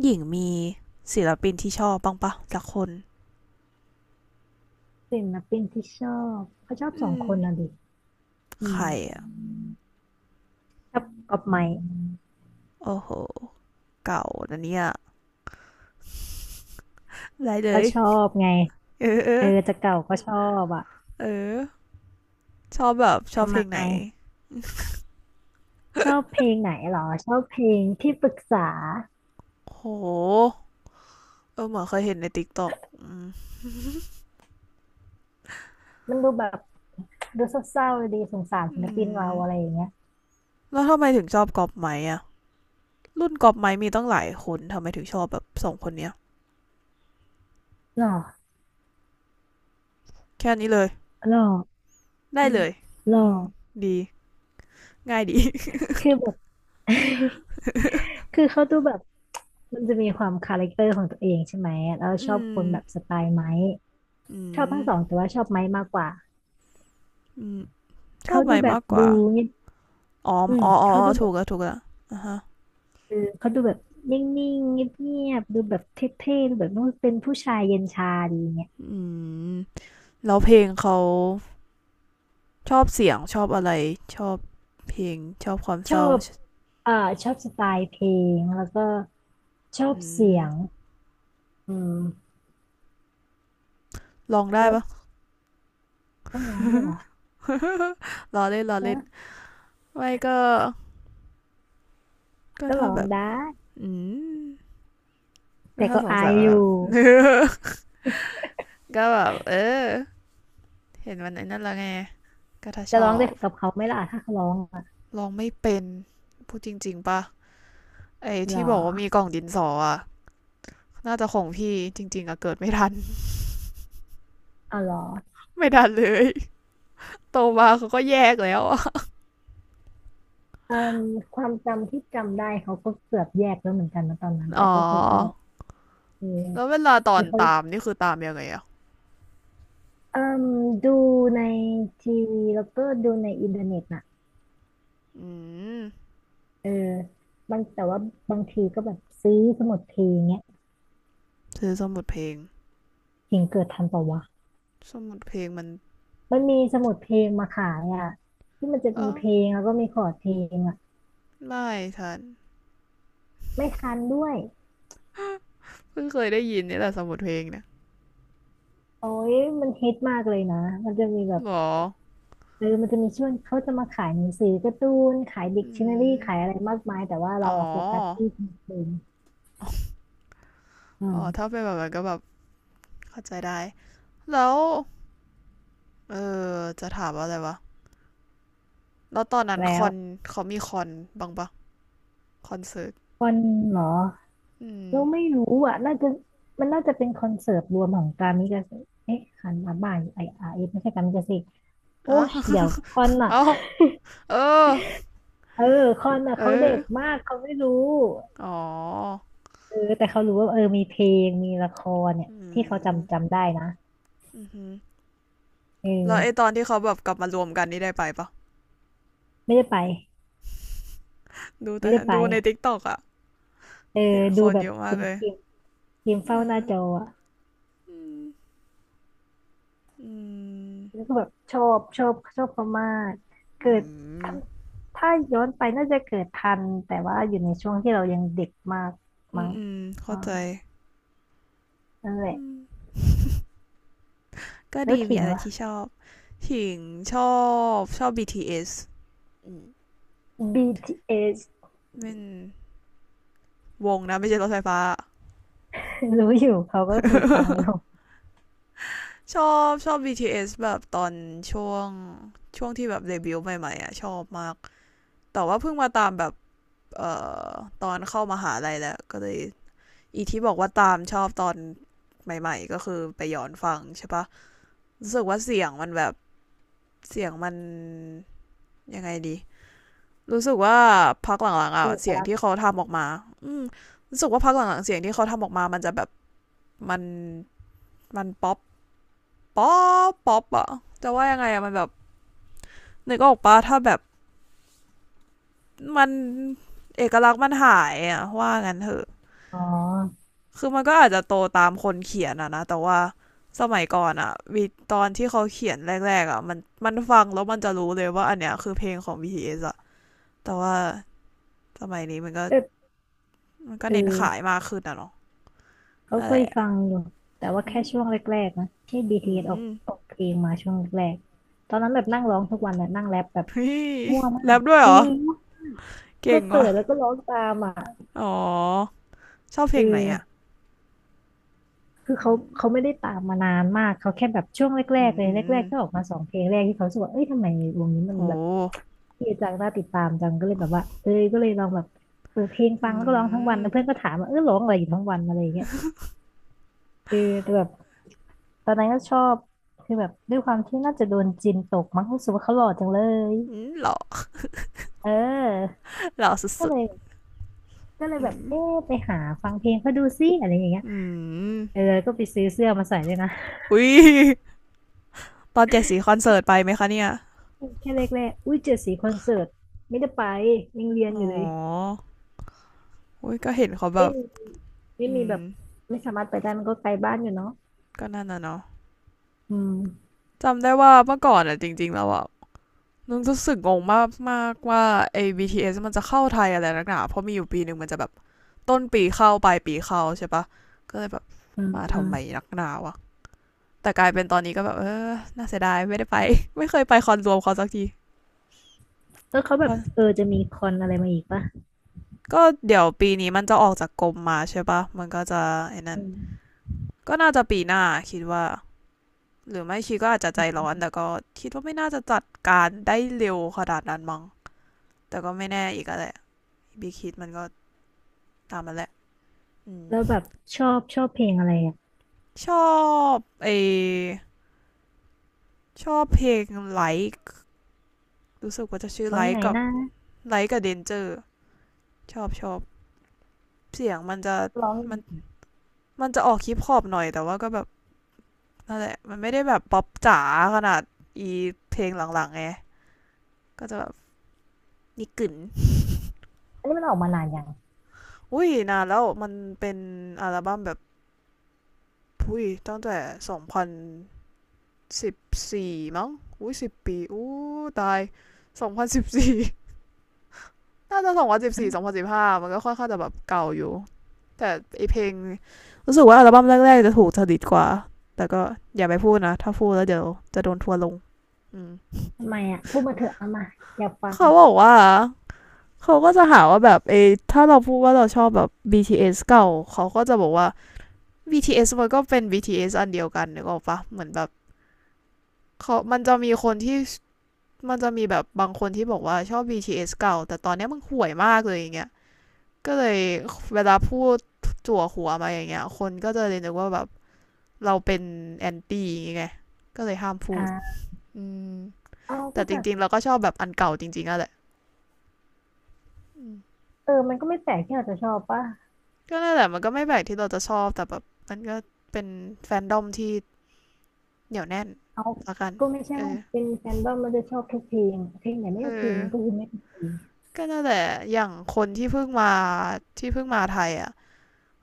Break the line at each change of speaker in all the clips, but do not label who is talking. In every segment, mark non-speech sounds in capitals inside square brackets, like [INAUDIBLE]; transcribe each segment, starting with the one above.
หญิงมีศิลปินที่ชอบบ้างปะสักคน
ศิลปินที่ชอบเขาชอบส
อื
อง
ม
คนน่ะดิอื
ใค
ม
รอ่ะ
ชอบกับใไม่
โอ้โหเก่านะเนี่ยไรเล
ก็
ย
ชอบไง
เออเอ
เออจะเก่าก็ชอบอ่ะ
อชอบแบบชอบ
ทำ
เพ
ไม
ลงไหน
ชอบเพลงไหนเหรอชอบเพลงที่ปรึกษา
โหเออเหมือนเคยเห็นในติ๊กต็อก
มันดูแบบดูเศร้าๆดีสงสารศิ
อื
ลปินเรา
ม
อะไรอย่างเงี้ย
แล้วทำไมถึงชอบกอบไม้อ่ะรุ่นกอบไม้มีตั้งหลายคนทำไมถึงชอบแบบสองคนเนี้ย
หรอ
แค่นี้เลย
หรอ
ได้
อืม
เลย
หรอ
อืมดีง่ายดี [LAUGHS]
คือแบบ [LAUGHS] คือเขาดูแบบมันจะมีความคาแรคเตอร์ของตัวเองใช่ไหมแล้วช
อื
อบค
ม
นแบบสไตล์ไม้
อื
ชอบ
ม
ทั้งสองแต่ว่าชอบไม้มากกว่า
อืมชอ
เขา
บ
ดู
ไม้
แบบ
มากก
ดู
ว่า
เงียบ
อ๋อ
อืมเขา
ออ
ดูแบ
ถู
บ
กแล้วถูกแล้วอ่ะฮะ
เออเขาดูแบบนิ่งๆเงียบๆดูแบบเท่ๆดูแบบว่าเป็นผู้ชายเย็นชาดีเงี้ย
อืมแล้วเพลงเขาชอบเสียงชอบอะไรชอบเพลงชอบความ
ช
เศ
อ
ร้า
บเอ่อชอบสไตล์เพลงแล้วก็ชอบ
อื
เสีย
ม
งอืม
ลองได้
แล้ว
ปะ
ก็ร้องได้วยเหรอ
รอเล่นรอ
เอ
เล่น
อ
ไม่ก็
ก็
ถ้า
ร้อ
แบ
ง
บ
ได้
อืมก็
แต่
ถ้า
ก็
สง
อา
สั
ย
ย
อ
ว่าแบบ
ยู่
[LAUGHS] ก็แบบอเห็นวันไหนนั่นและไงก็ถ้า
จะ
ช
ร้อ
อ
งได้
บ
กับเขาไหมล่ะถ้าเขาร้องอะ
ลองไม่เป็นพูดจริงๆปะไอ้
หรอ
ที่บอกว่ามีกล่องดินสออะน่าจะของพี่จริงๆอะเกิดไม่ทัน
เอาหรอ
[LAUGHS] ไม่ทันเลยโตมาเขาก็แยกแล้วอะ
อืมความจำที่จำได้เขาก็เกือบแยกแล้วเหมือนกันนะตอนนั้นแต่
อ๋อ
ก็คือชอบเออ
แล้วเวลาตอ
คื
น
อเขา
ตามนี่คือตามยังไงอ่ะ
เอ่มดูในทีวีแล้วก็ดูในอินเทอร์เน็ตน่ะ
อืม
เออบางแต่ว่าบางทีก็แบบซื้อสมุดเพลงเนี้ย
ซื้อสมุดเพลง
เพลงเกิดทันเปล่าวะ
สมุดเพลงมัน
มันมีสมุดเพลงมาขายอ่ะที่มันจะ
เอ
มีเพ
อ
ลงแล้วก็มีคอร์ดเพลงอ่ะ
ไม่ฉัน
ไม่ทันด้วย
เพิ่งเคยได้ยินนี่แหละสมุดเพลงเนี่ย
โอ้ยมันฮิตมากเลยนะมันจะมีแบบ
หรอ
เออมันจะมีช่วงเขาจะมาขายหนังสือการ์ตูนขายดิก
อื
ชันนารีขายอะ
ม
ไรมากมายแต่ว่าเรา
อ๋อ
อะโฟกัสที่เพลงอื
อ๋
ม
อถ้าเป็นแบบนั้นก็แบบเข้าใจได้แล้วเออจะถามว่าอะไรวะแล้วตอนนั้นค
แล้ว
อนเขามีคอนบ้างปะคอนเสิร์ต
วันหนึ่งเหรอ
อืม
เราไม่รู้อ่ะน่าจะมันน่าจะเป็นคอนเสิร์ตรวมของกามิกาเซ่เอ๊ะคันมาบ่ายไออาร์เอสไม่ใช่กามิกาเซ่โอ้
อ่ะ
ยเดี๋ยวคอน
[LAUGHS]
อ่ะ
เอาเออ
เออคอนอ่ะ
เอ
เขาเด็
อ
กมากเขาไม่รู้
อ๋อ
เออแต่เขารู้ว่าเออมีเพลงมีละครเนี่ย
อื
ที่เขา
ม
จำจำได้นะ
อือหือ
เ
แล้วไอ
ออ
ตอนที่เขาแบบกลับมารวมกันนี่ได้ไปปะ
ไม่ได้ไป
ดู
ไม่
แต่
ได้ไป
ดูในทิกตอกอะ
เออ
เห็นค
ดู
น
แบ
เย
บ
อะมา
เป็
ก
น
เลย
ทีมทีม
เอ
เฝ้าหน้า
อ
จออะ
อืม
แล้วก็แบบชอบชอบชอบเขามากเกิ
อื
ด
ม
ถ้าถ้าย้อนไปน่าจะเกิดทันแต่ว่าอยู่ในช่วงที่เรายังเด็กมาก
อื
มั้
ม
ง
อืมเข้า
อ่า
ใจ
นั่นแหละ
อืมก็
แล้ว
ดี
ถิ
มี
ง
อะไร
ล่ะ
ที่ชอบถิงชอชอบ BTS อืม
BTS
เป็นวงนะไม่ใช่รถไฟฟ้า [LAUGHS]
[LAUGHS] รู้อยู่เขาก็เคยฟังอยู่
ชอบ BTS แบบตอนช่วงช่วงที่แบบเดบิวต์ใหม่ๆอ่ะชอบมากแต่ว่าเพิ่งมาตามแบบเอ่อตอนเข้ามหาลัยแล้วก็เลย อีที่บอกว่าตามชอบตอนใหม่ๆก็คือไปย้อนฟังใช่ปะรู้สึกว่าเสียงมันแบบเสียงมันยังไงดีรู้สึกว่าพักหลังๆอ่ะ
เอก
เสียง
ลักษ
ที่
ณ์
เขาทำออกมาอืมรู้สึกว่าพักหลังๆเสียงที่เขาทำออกมามันจะแบบมันมันป๊อปป๊อป๊อปอะจะว่ายังไงอะมันแบบนึกออกปะถ้าแบบมันเอกลักษณ์มันหายอะว่างั้นเถอะ
อ๋อ
คือมันก็อาจจะโตตามคนเขียนอะนะแต่ว่าสมัยก่อนอะมีตอนที่เขาเขียนแรกๆอะมันฟังแล้วมันจะรู้เลยว่าอันเนี้ยคือเพลงของ BTS อสอะแต่ว่าสมัยนี้
แต่
มันก็
เอ
เน้นขาย
อ
มากขึ้นอะเนาะ
เขา
อะ
เค
ไร
ยฟังอยู่แต่ว่า
ื
แค่
ม
ช่วงแรกๆนะที่
อื
BTS อสออก
ม
ออกเพลงมาช่วงแรกๆตอนนั้นแบบนั่งร้องทุกวันเลยนั่งแรปแบบมั่ว
[LAUGHS]
มา
แร
ก
ปด้วย
จ
เหร
ริ
อ
ง
เก่
ก็
ง
เปิ
ว่ะ
ดแล้วก็ร้องตามอ่ะ
อ๋อชอบเพ
เอ
ลงไหนอะ
อ คือ
อื
เขา
ม
เขาไม่ได้ตามมานานมากเขาแค่แบบช่วงแร
อื
กๆ
ม
เลย
อื
แร
ม
กๆก็ออกมาสองเพลงแรกที่เขารู้สึกว่าเอ้ยทำไมวงนี้มั
โห
นแบบเท่จังน่าติดตามจังก็เลยแบบว่าเอ้ยก็เลยลองแบบเปิดเพลง
อื
ฟังแล้วก็ร้องทั้งวันแล้วเพื่อน
ม
ก็ถามว่าเออร้องอะไรอยู่ทั้งวันอะไรอย่างเงี้ยเออแต่แบบตอนนั้นก็ชอบคือแบบด้วยความที่น่าจะโดนจินตกมั้งรู้สึกว่าเขาหล่อจังเลย
อืมหล่อ
เออ
หล่อส
ก็
ุด
เลยก็เล
ๆ
ย
อื
แบบ
ม
เอ๊ะไปหาฟังเพลงเขาดูซิอะไรอย่างเงี้ย
อืม
เออก็ไปซื้อเสื้อมาใส่ด้วยนะ
อุ้ยตอนเจ็ดสีคอนเสิร์ตไปไหมคะเนี่ย
แค่แรกๆอุ้ยเจ็ดสีคอนเสิร์ตไม่ได้ไปยังเรียน
อ๋อ
อยู่เลย
อุ้ยก็เห็นเขาแบ
ไม่
บ
มีไม่
อื
มีแบ
ม
บไม่สามารถไปได้มันก็ไกลบ้านอยู่เนาะ
ก็นั่นน่ะเนาะ
อืม
จำได้ว่าเมื่อก่อนอ่ะจริงๆแล้วอ่ะนึกรู้สึกงงมากมากว่าไอ้ BTS มันจะเข้าไทยอะไรนักหนาเพราะมีอยู่ปีหนึ่งมันจะแบบต้นปีเข้าปลายปีเข้าใช่ปะก็เลยแบบ
อืม
มา
อื
ทำ
ม
ไมนักหนาวะแต่กลายเป็นตอนนี้ก็แบบเออน่าเสียดายไม่ได้ไป [LAUGHS] ไม่เคยไปคอนรวมเขาสักที
แล้วเขาแบบ
อ่ะ
เออจะมีคอนอะไรมาอีกปะ
ก็เดี๋ยวปีนี้มันจะออกจากกรมมาใช่ปะมันก็จะไอ้นั่
อื
น
ม
ก็น่าจะปีหน้าคิดว่า หรือไม่ชีก็อาจจะใจร้อนแต่ก็คิดว่าไม่น่าจะจัดการได้เร็วขนาดนั้นมั้งแต่ก็ไม่แน่อีกอะแหละบีคิดมันก็ตามมันแหละอืม
แล้วแบบชอบชอบเพลงอะไรอ่ะ
ชอบไอชอบเพลงไลค์รู้สึกว่าจะชื่อ
ร้อ
ไล
งยัง
ค์
ไง
กับ
นะ
ไลค์กับเดนเจอร์ชอบเสียงมันจะ
ร้อง
มันมันจะออกฮิปฮอปหน่อยแต่ว่าก็แบบนั่นแหละมันไม่ได้แบบป๊อปจ๋าขนาดอีเพลงหลังๆไงก็จะแบบนิกึน
อันนี้มันออกมานานยัง
อุ้ยนานแล้วมันเป็นอัลบั้มแบบ อุ้ยตั้งแต่2014มั้งอุ้ย10 ปีอู้ตายสองพันสิบสี่ [LAUGHS] น่าจะ20142015มันก็ค่อนข้างจะแบบเก่าอยู่แต่ไอเพลงรู้สึกว่าอัลบั้มแรกๆจะถูกจริตกว่าแต่ก็อย่าไปพูดนะถ้าพูดแล้วเดี๋ยวจะโดนทัวร์ลงอืม
ทำไมอ่ะพูดมาเถอะเอามาอยากฟัง
เขาบอกว่าเขาก็จะหาว่าแบบเอถ้าเราพูดว่าเราชอบแบบ BTS เอสเก่าเขาก็จะบอกว่า BTS มันก็เป็น BTS อสอันเดียวกันนึกออกปะเหมือนแบบเขามันจะมีคนที่ มันจะมีแบบบางคนที่บอกว่าชอบ BTS เอสเก่าแต่ตอนเนี้ยมึงห่วยมากเลยอย่างเงี้ยก็เลยเวลาพูดจั่วหัวมาอย่างเงี้ยคนก็จะเลยนึกว่าแบบเราเป็นแอนตี้อย่างเงี้ยไงก็เลยห้ามพูด
อ่า
อืม
เอาก็
แต่จ
แบบ
ริงๆเราก็ชอบแบบอันเก่าจริงๆอะแหละ
เออมันก็ไม่แปลกที่เราจะชอบป่ะ
ก็นั่นแหละมันก็ไม่แปลกที่เราจะชอบแต่แบบมันก็เป็นแฟนดอมที่เหนียวแน่น
เอา
ละกัน
ก็ไม่ใช่
เอ
ว่า
อ
เป็นแฟนบ้ามันจะชอบทุกเพลงเพลงไหนไม่
เอ
โอเค
อ
มันก็คือไม่โอเค
ก็นั่นแหละอย่างคนที่เพิ่งมาที่เพิ่งมาไทยอ่ะ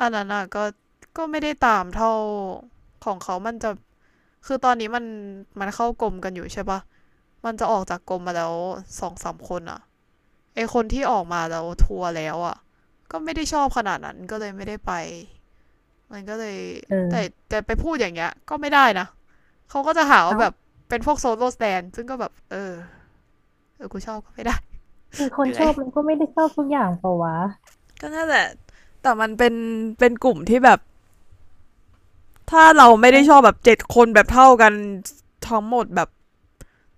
อันนั้นอ่ะก็ก็ไม่ได้ตามเท่าของเขามันจะคือตอนนี้มันเข้ากรมกันอยู่ใช่ปะมันจะออกจากกรมมาแล้วสองสามคนอ่ะไอคนที่ออกมาแล้วทัวร์แล้วอ่ะก็ไม่ได้ชอบขนาดนั้นก็เลยไม่ได้ไปมันก็เลยแต่
เออ
แต่ไปพูดอย่างเงี้ยก็ไม่ได้นะเขาก็จะหาว่า
เอา
แบบเป็นพวกโซโล่สแตนซึ่งก็แบบเออเออกูชอบก็ไม่ได้
คือค
[LAUGHS] เห
น
นื่
ช
อย
อบมันก็ไม่ได้ชอบทุกอย่างเปล่าวะ
ก็น่าแหละแต่มันเป็นกลุ่มที่แบบถ้าเราไม่ได้ชอบแบบเจ็ดคนแบบเท่ากันทั้งหมดแบบ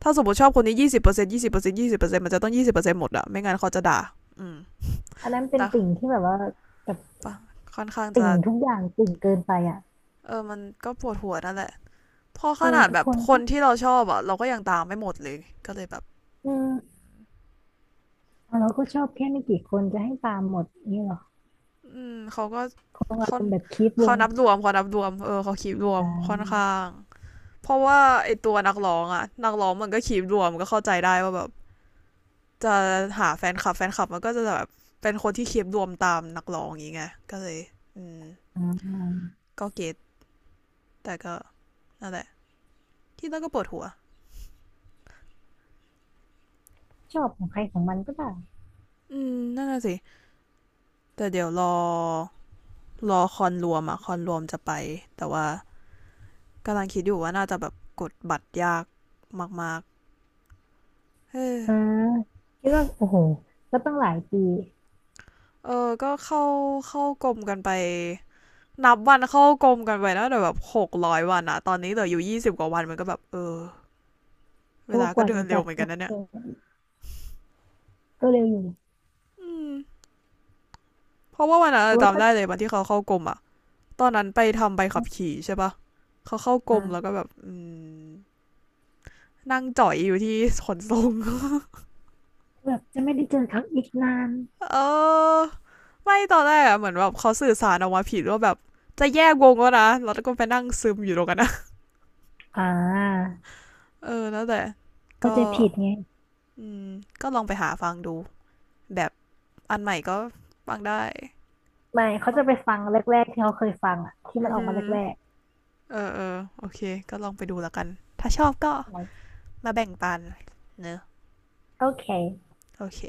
ถ้าสมมติชอบคนนี้ยี่สิบเปอร์เซ็นต์ยี่สิบเปอร์เซ็นต์ยี่สิบเปอร์เซ็นต์มันจะต้องยี่สิบเปอร์เซ็นต์หมดอะไม่งั้นเขาจะด่าอืม
อันนั้นเป็นติ่ง
ด่า
ที่แบบว่าแบบ
ปะค่อนข้าง
ติ่
จะ
งทุกอย่างติ่งเกินไปอ่ะ
เออมันก็ปวดหัวนั่นแหละพอข
เออ
นาด
ทุก
แบบ
คน
ค
ก็
นที่เราชอบอะเราก็ยังตามไม่หมดเลยก็เลยแบบ
อืมเอาเราก็ชอบแค่ไม่กี่คนจะให้ตามหมดงนี่หรอ
อืมเขาก็
คงอา
เขา
รมณ์แบบคีปว
เขา
ง
นับรวมเขานับรวมเออเขาคีบรว
อ่
มค่อนข้า
า
งเพราะว่าไอตัวนักร้องอะนักร้องมันก็คีบรวมก็เข้าใจได้ว่าแบบจะหาแฟนคลับแฟนคลับมันก็จะแบบเป็นคนที่คีบรวมตามนักร้องอย่างเงี้ยก็เลยอืม
อ่า
ก็เก็ตแต่ก็นั่นแหละไร ที่แล้วก็ปวดหัว
ชอบของใครของมันก็ได้
อืมนั่นน่ะสิแต่เดี๋ยวรอคอนรวมอะคอนรวมจะไปแต่ว่ากำลังคิดอยู่ว่าน่าจะแบบกดบัตรยากมากๆเออ
อ่าคิดว่าโอ้โหก็ต้องหลายปี
เออก็เข้ากรมกันไปนับวันเข้ากรมกันไปนะแต่แบบ600 วันอะตอนนี้เหลืออยู่20 กว่าวันมันก็แบบเออเว
ก็
ลา
ก
ก็
ว่า
เดิ
จะ
นเร็ว
จัด
เหมือ
ค
นกั
อ
น
น
นะเนี่ย
เสิร์ตก็เร็วอยู่
อืมเพราะว่าวันนั้น
เพราะว่า
จำ
ถ้า
ได้เลยวันที่เขาเข้ากรมอะตอนนั้นไปทำใบขับขี่ใช่ปะเขาเข้ากรมแล้วก็
อ่า
แบบอืมนั่งจ่อยอยู่ที่ขนส่ง
แบบจะไม่ได้เจอเขาอีกนาน
เออไม่ตอนแรกอะเหมือนแบบเขาสื่อสารออกมาผิดว่าแบบจะแยกวงแล้วนะแล้วก็ไปนั่งซึมอยู่ตรงกันนะ
อ่า
เออนั่นแหล้วแต่
เข้า
ก็
ใจผิดไง
อืมก็ลองไปหาฟังดูแบบอันใหม่ก็ฟังได้
ไม่เขา
ก็
จะไปฟังแรกๆที่เขาเคยฟังอ่ะที่
อื
มัน
อ
ออก
หื
มา
อ
แรก
เออเออโอเคก็ลองไปดูแล้วกันถ้าชอบก็มาแบ่งปันเนอะ
ๆโอเค
โอเค